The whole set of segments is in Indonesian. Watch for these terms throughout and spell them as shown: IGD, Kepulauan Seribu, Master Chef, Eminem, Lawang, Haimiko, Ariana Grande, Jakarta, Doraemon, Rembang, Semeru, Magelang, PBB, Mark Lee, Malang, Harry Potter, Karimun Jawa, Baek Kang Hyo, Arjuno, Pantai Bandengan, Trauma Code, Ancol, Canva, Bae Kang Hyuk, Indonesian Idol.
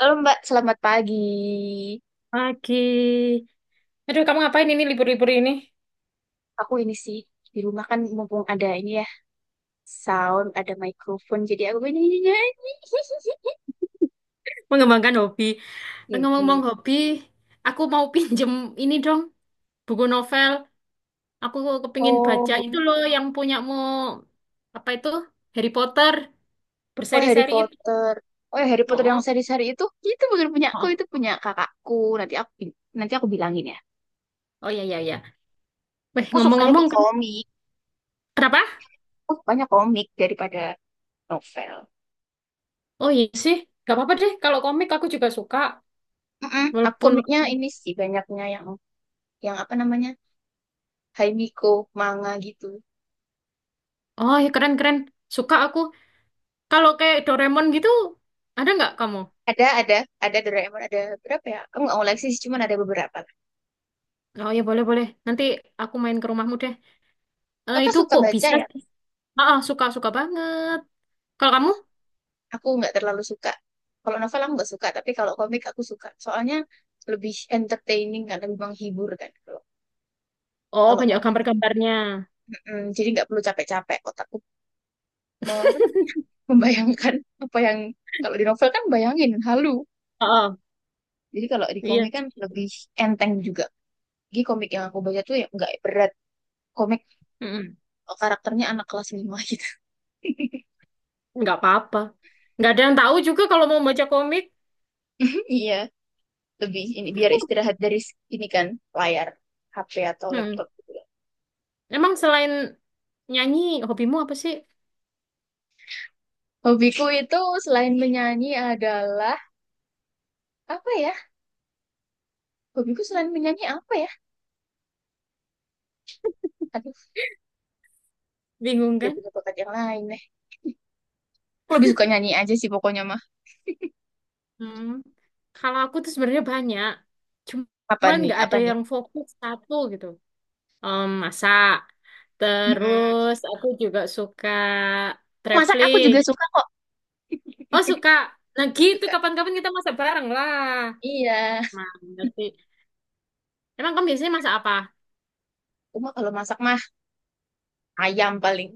Halo Mbak, selamat pagi. Pagi. Aduh, kamu ngapain ini libur-libur ini? Aku ini sih di rumah kan mumpung ada ini ya sound, ada microphone, jadi aku ini nyanyi. Mengembangkan hobi. Ngomong-ngomong Gitu. hobi, aku mau pinjem ini dong, buku novel. Aku kepingin baca itu Oh, loh yang punyamu apa itu Harry Potter oh Harry berseri-seri itu. Potter. Oh ya Harry Potter yang Oh, seri-seri itu bukan punya aku, oh, itu punya kakakku. Nanti aku bilangin ya. oh ya ya ya. Weh, Aku sukanya tuh ngomong-ngomong, komik. kenapa? Aku sukanya komik daripada novel. Oh iya sih, gak apa-apa deh. Kalau komik aku juga suka, Mm-mm. Aku walaupun komiknya ini sih banyaknya yang apa namanya? Haimiko, manga gitu. oh ya keren-keren, suka aku. Kalau kayak Doraemon gitu, ada nggak kamu? Ada, ada, ada Doraemon, ada berapa ya? Aku nggak koleksi sih, cuman ada beberapa lah. Oh ya boleh boleh. Nanti aku main ke rumahmu deh. Eh, Kakak itu suka kok baca bisa ya? sih? Ah, ah, suka suka banget. Kalau Eh, kamu? Aku nggak terlalu suka. Kalau novel aku nggak suka, tapi kalau komik aku suka. Soalnya lebih entertaining kan, lebih menghibur kan kalau Oh kalau banyak komik. gambar-gambarnya. Mm-mm, jadi nggak perlu capek-capek otakku mau apa namanya membayangkan apa yang kalau di novel kan bayangin halu. Ah, ah, Jadi kalau di iya. komik kan lebih enteng juga. Jadi komik yang aku baca tuh ya nggak berat. Komik Mm-mm. karakternya anak kelas 5 gitu. Nggak apa-apa. Nggak ada yang tahu juga kalau mau baca komik. Iya. Lebih ini biar istirahat dari ini kan layar HP atau Hmm. laptop gitu ya. Emang selain nyanyi, hobimu apa sih? Hobiku itu selain menyanyi adalah apa ya? Hobiku selain menyanyi apa ya? Aduh, Bingung tidak kan? punya bakat yang lain deh. Aku lebih suka nyanyi aja sih pokoknya mah. Hmm. Kalau aku tuh sebenarnya banyak. Apa Cuman nih? nggak Apa ada nih? yang fokus satu gitu. Masak. Mm-mm. Terus aku juga suka Masak aku traveling. juga suka kok. Oh suka. Nah gitu Suka. kapan-kapan kita masak bareng lah. Iya. Mantap sih. Emang kamu biasanya masak apa? Cuma kalau masak mah ayam paling.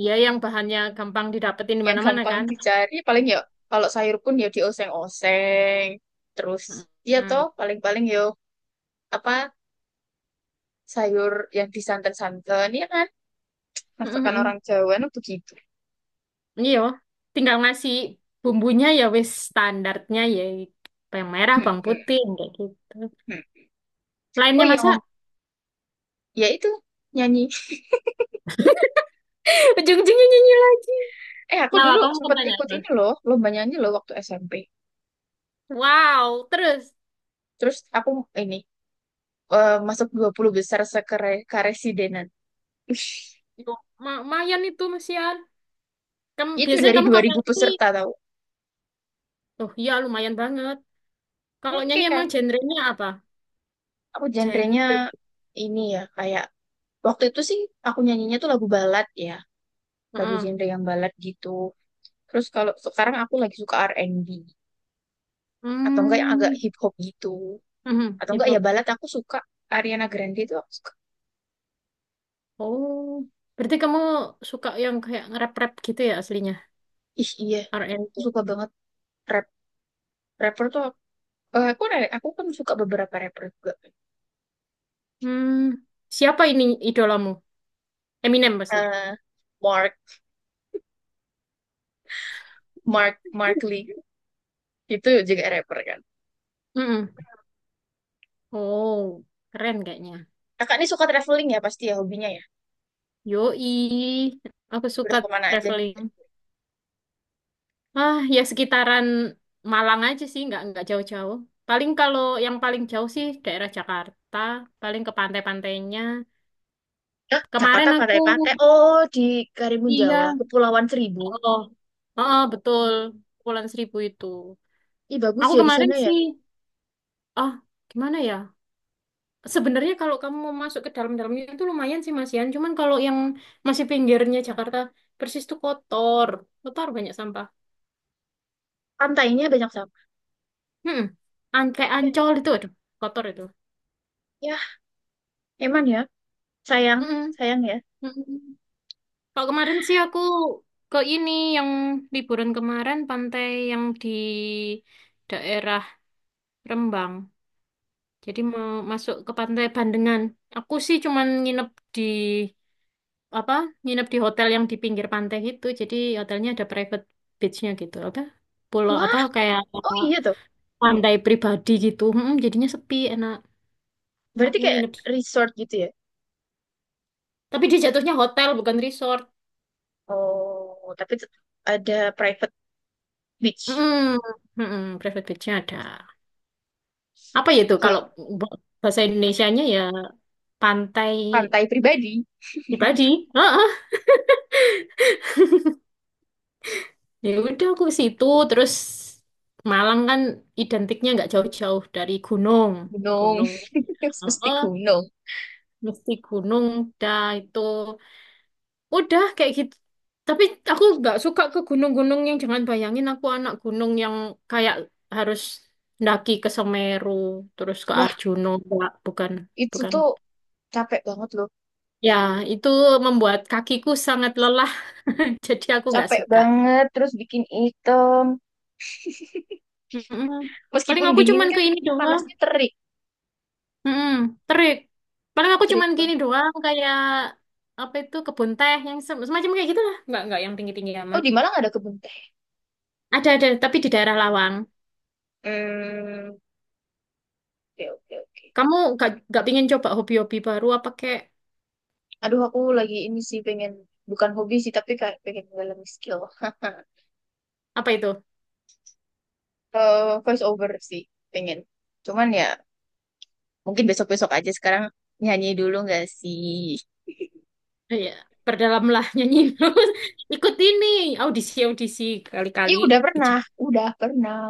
Iya yang bahannya gampang didapetin di Yang mana-mana gampang kan? dicari paling ya kalau sayur pun ya dioseng-oseng. Terus ya toh Mm. paling-paling yo apa sayur yang disanten-santen ya kan, masakan Mm-mm. orang Jawa itu begitu. Iya. Tinggal ngasih bumbunya ya wis standarnya ya bawang merah, Hmm, bawang hmm, putih kayak gitu. hmm. Oh, Lainnya masak ya itu, nyanyi. ujung-ujungnya nyanyi lagi. Aku Nah, Wak, dulu kamu mau sempet tanya ikut apa? ini loh lomba nyanyi loh waktu SMP. Wow, terus Terus aku ini masuk 20 besar karesidenan. Ih, Yuk, lumayan itu Mesian. Kamu itu biasanya dari kamu dua kalau ribu nyanyi, peserta tau. oh iya lumayan banget. Kalau Oke nyanyi kan, emang genrenya apa? aku genrenya Gender. ini ya kayak waktu itu sih aku nyanyinya tuh lagu balad ya, lagu Heeh. genre yang balad gitu. Terus kalau sekarang aku lagi suka R&B atau enggak yang agak Hmm. hip hop gitu, Mhm, atau hip enggak ya hop. balat aku suka. Ariana Grande itu aku suka. Oh, berarti kamu suka yang kayak nge-rap-rap gitu ya aslinya? Ih iya, R&B. aku suka banget rap rapper tuh. Aku kan suka beberapa rapper juga. Hmm. Siapa ini idolamu? Eminem pasti. Eh, Mark Mark Mark Lee itu juga rapper kan. Mm-mm. Oh, keren kayaknya. Kakak ini suka traveling ya pasti ya, hobinya ya. Yoi, aku suka Udah kemana aja nih? traveling. Ah, ya sekitaran Malang aja sih, nggak jauh-jauh. Paling kalau yang paling jauh sih daerah Jakarta, paling ke pantai-pantainya. Hah, Jakarta Kemarin aku, pantai-pantai. Oh di Karimun Jawa, iya, Kepulauan Seribu. oh, heeh, betul. Kepulauan Seribu itu. Ih bagus Aku ya di kemarin sana ya. sih, ah, gimana ya? Sebenarnya kalau kamu mau masuk ke dalam-dalamnya itu lumayan sih Mas Yan. Cuman kalau yang masih pinggirnya Jakarta Persis tuh kotor. Kotor banyak sampah. Pantainya banyak sampah Hmm. Kayak ya, Ancol itu, aduh, kotor itu. ya emang ya, sayang Mm-mm. sayang ya. Mm-mm. Kalau kemarin sih aku ke ini yang liburan kemarin pantai yang di daerah Rembang. Jadi mau masuk ke Pantai Bandengan. Aku sih cuman nginep di apa? Nginep di hotel yang di pinggir pantai gitu. Jadi hotelnya ada private beach-nya gitu. Apa? Pulau apa Wah, kayak oh iya toh. pantai pribadi gitu. Mm, jadinya sepi, enak. Berarti Aku kayak nginep. resort gitu ya? Tapi dia jatuhnya hotel bukan resort. Oh, ada private beach. Mm, mm, private beach-nya ada. Apa ya itu Oh kalau iya, bahasa Indonesianya maksudnya ya pantai pantai pribadi. pribadi. Ya udah aku ke situ terus Malang kan identiknya nggak jauh-jauh dari gunung. Gunung. Gunung. Mesti Oh gunung. mesti gunung dah itu. Udah kayak gitu. Tapi aku nggak suka ke gunung-gunung yang jangan bayangin aku anak gunung yang kayak harus ndaki ke Semeru terus ke Wah, Arjuno. Nggak, bukan, itu bukan. tuh capek banget loh. Ya, itu membuat kakiku sangat lelah. Jadi aku nggak Capek suka. banget, terus bikin item. Mm-mm. Paling Meskipun aku dingin cuman ke kan, ini doang. panasnya terik. Mm-mm, terik. Paling aku Terik cuman banget. gini doang kayak apa itu kebun teh yang semacam kayak gitu lah. Nggak yang tinggi tinggi Oh, amat. di Malang ada kebun teh. Ada tapi di daerah Lawang. Hmm, oke, oke, oke. Kamu nggak pingin coba hobi-hobi baru apa kayak Aduh, aku lagi ini sih pengen, bukan hobi sih, tapi kayak pengen mendalami skill. apa itu? Voice over sih, pengen. Cuman ya, mungkin besok-besok aja. Sekarang nyanyi dulu nggak sih? Eh, ya, berdalamlah nyanyi. Ikut ini audisi audisi kali-kali. Ih, udah Kejam. pernah, udah pernah,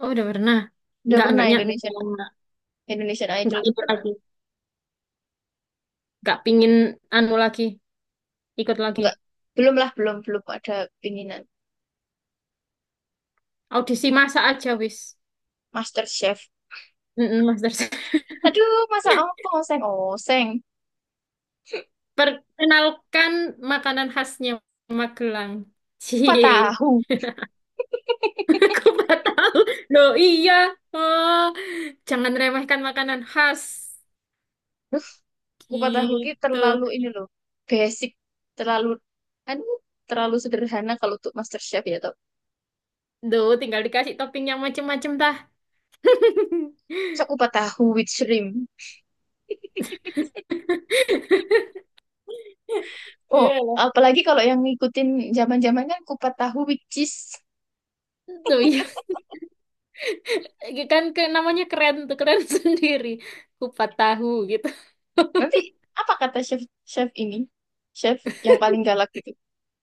Oh udah pernah. udah Nggak pernah. Indonesian nggak Indonesian Idol nggak tuh ini pernah. lagi. Nggak pingin anu lagi. Ikut lagi. Enggak, belum lah, belum belum ada pinginan. Audisi masa aja wis. Master Chef. Mm-mm, Master. Aduh, masa apa oseng oseng? Perkenalkan makanan khasnya Magelang. Kupat Cie, tahu. aku nggak tahu. Loh iya, oh, jangan remehkan makanan khas. Kupat tahu ini Gitu. terlalu ini loh, basic, terlalu, aduh, terlalu sederhana kalau untuk Master Chef ya toh. Duh, tinggal dikasih topping yang macem-macem tah. Masa kupat tahu with shrimp. Oh, Iya loh. apalagi kalau yang ngikutin zaman-zaman kan kupat tahu with cheese. Duh iya, kan ke, namanya keren tuh, keren sendiri. Kupat tahu gitu. Nanti apa kata chef chef ini? Chef yang paling galak gitu.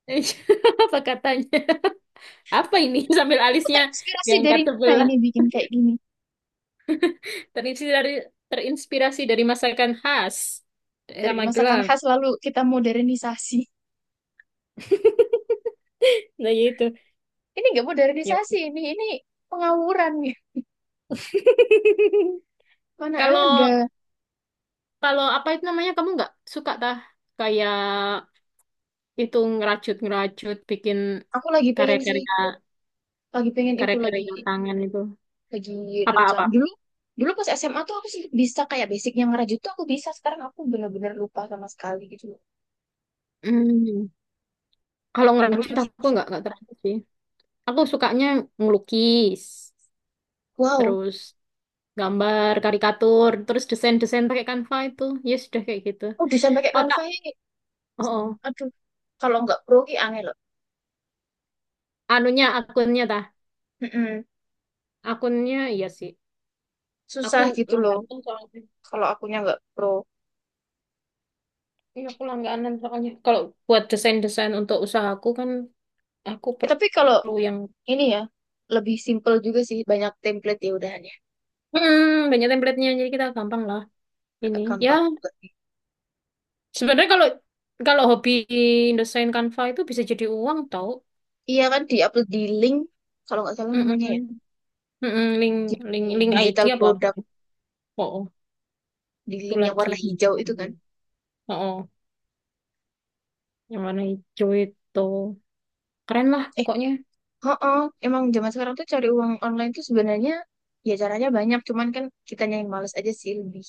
Apa katanya? Apa ini sambil Aku alisnya terinspirasi diangkat dari mana sebelah? ini bikin kayak gini? Terinspirasi dari terinspirasi dari masakan khas daerah Dari masakan Magelang. khas lalu kita modernisasi. Nah, ya itu. Ini nggak modernisasi Yuk. ini pengawuran ya. Mana Kalau ada. kalau apa itu namanya kamu nggak suka tah kayak itu ngerajut-ngerajut bikin Aku lagi pengen sih, karya-karya lagi pengen itu karya-karya tangan itu. lagi Apa-apa? rencana dulu. Dulu pas SMA tuh aku sih bisa, kayak basicnya ngerajut tuh aku bisa. Sekarang aku bener-bener lupa sama sekali gitu loh. Hmm, kalau Dulu ngerajut masih aku bisa. Nggak terlalu sih. Aku sukanya ngelukis, Wow, terus gambar karikatur, terus desain-desain pakai Canva itu. Ya sudah kayak gitu. oh desain pakai Otak. Canva ini. Oh, oh. Aduh, kalau nggak pro ki aneh loh. Anunya akunnya tah. Mm-mm. Akunnya iya sih. Aku Susah gitu loh langganan soalnya. kalau akunya nggak pro. Iya, aku langganan soalnya. Kalau buat desain-desain untuk usahaku kan aku Tapi kalau perlu yang ini ya lebih simple juga sih, banyak template ya udahan ya hmm, banyak template-nya jadi kita gampang lah ini. agak Ya, gampang juga. sebenarnya kalau kalau hobi desain Canva itu bisa jadi uang tau. Iya kan di-upload di link kalau nggak salah namanya ya, Mm-mm. Mm-mm, di Link link link ID digital apa apa. product, Oh, oh. di Itu link yang lagi. warna hijau itu Ini. kan. Oh, oh. Yang warna hijau itu. Keren lah Eh, pokoknya. oh, emang zaman sekarang tuh cari uang online tuh sebenarnya ya caranya banyak, cuman kan kitanya yang males aja sih, lebih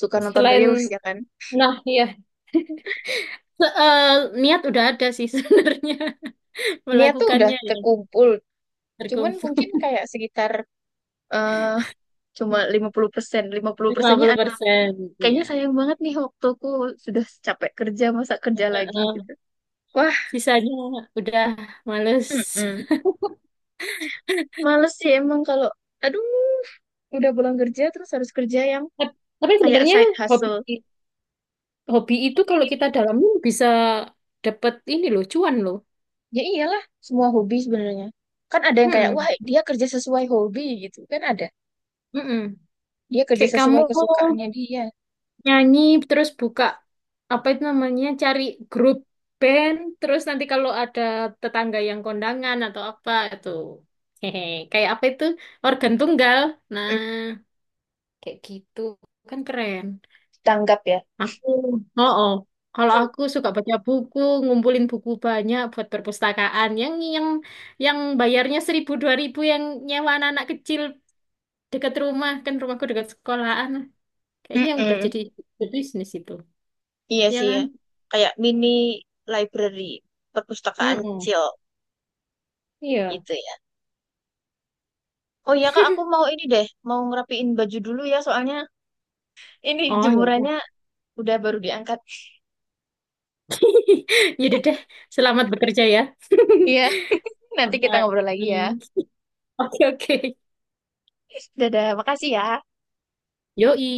suka nonton reels Selain ya kan. Nah, iya. Eh, niat udah ada sih sebenarnya Niat tuh udah melakukannya ya terkumpul, cuman terkumpul mungkin kayak sekitar eh cuma 50%. 50%-nya 50% kayaknya ya. sayang banget nih waktuku, sudah capek kerja masa Eh, kerja lagi eh, gitu. Wah, sisanya udah males. mm-mm. Males sih emang kalau aduh udah pulang kerja terus harus kerja yang Tapi kayak sebenarnya side hobi hustle. hobi itu kalau kita dalamin bisa dapet ini loh, cuan loh. Ya iyalah, semua hobi sebenarnya. Kan ada yang kayak wah Mm-mm, dia kerja sesuai hobi gitu kan ada. mm-mm. Dia kerja Kayak kamu sesuai kesukaannya dia. nyanyi terus buka apa itu namanya cari grup band terus nanti kalau ada tetangga yang kondangan atau apa itu hehe kayak apa itu organ tunggal nah Mm, kayak gitu kan keren tanggap ya. aku oh oh kalau aku suka baca buku ngumpulin buku banyak buat perpustakaan yang yang bayarnya 1.000 2.000 yang nyewa anak-anak kecil dekat rumah kan rumahku dekat sekolahan kayaknya udah Mm-mm. jadi bisnis itu Iya ya sih ya. kan. Kayak mini library, perpustakaan Mm-mm. kecil Iya. gitu ya. Oh iya Kak, aku mau ini deh, mau ngerapiin baju dulu ya soalnya ini Oh ya, jemurannya udah. udah baru diangkat. Yaudah deh. Selamat bekerja ya. Iya, nanti kita Bye. ngobrol lagi ya. Oke oke. Dadah, makasih ya. Yoi.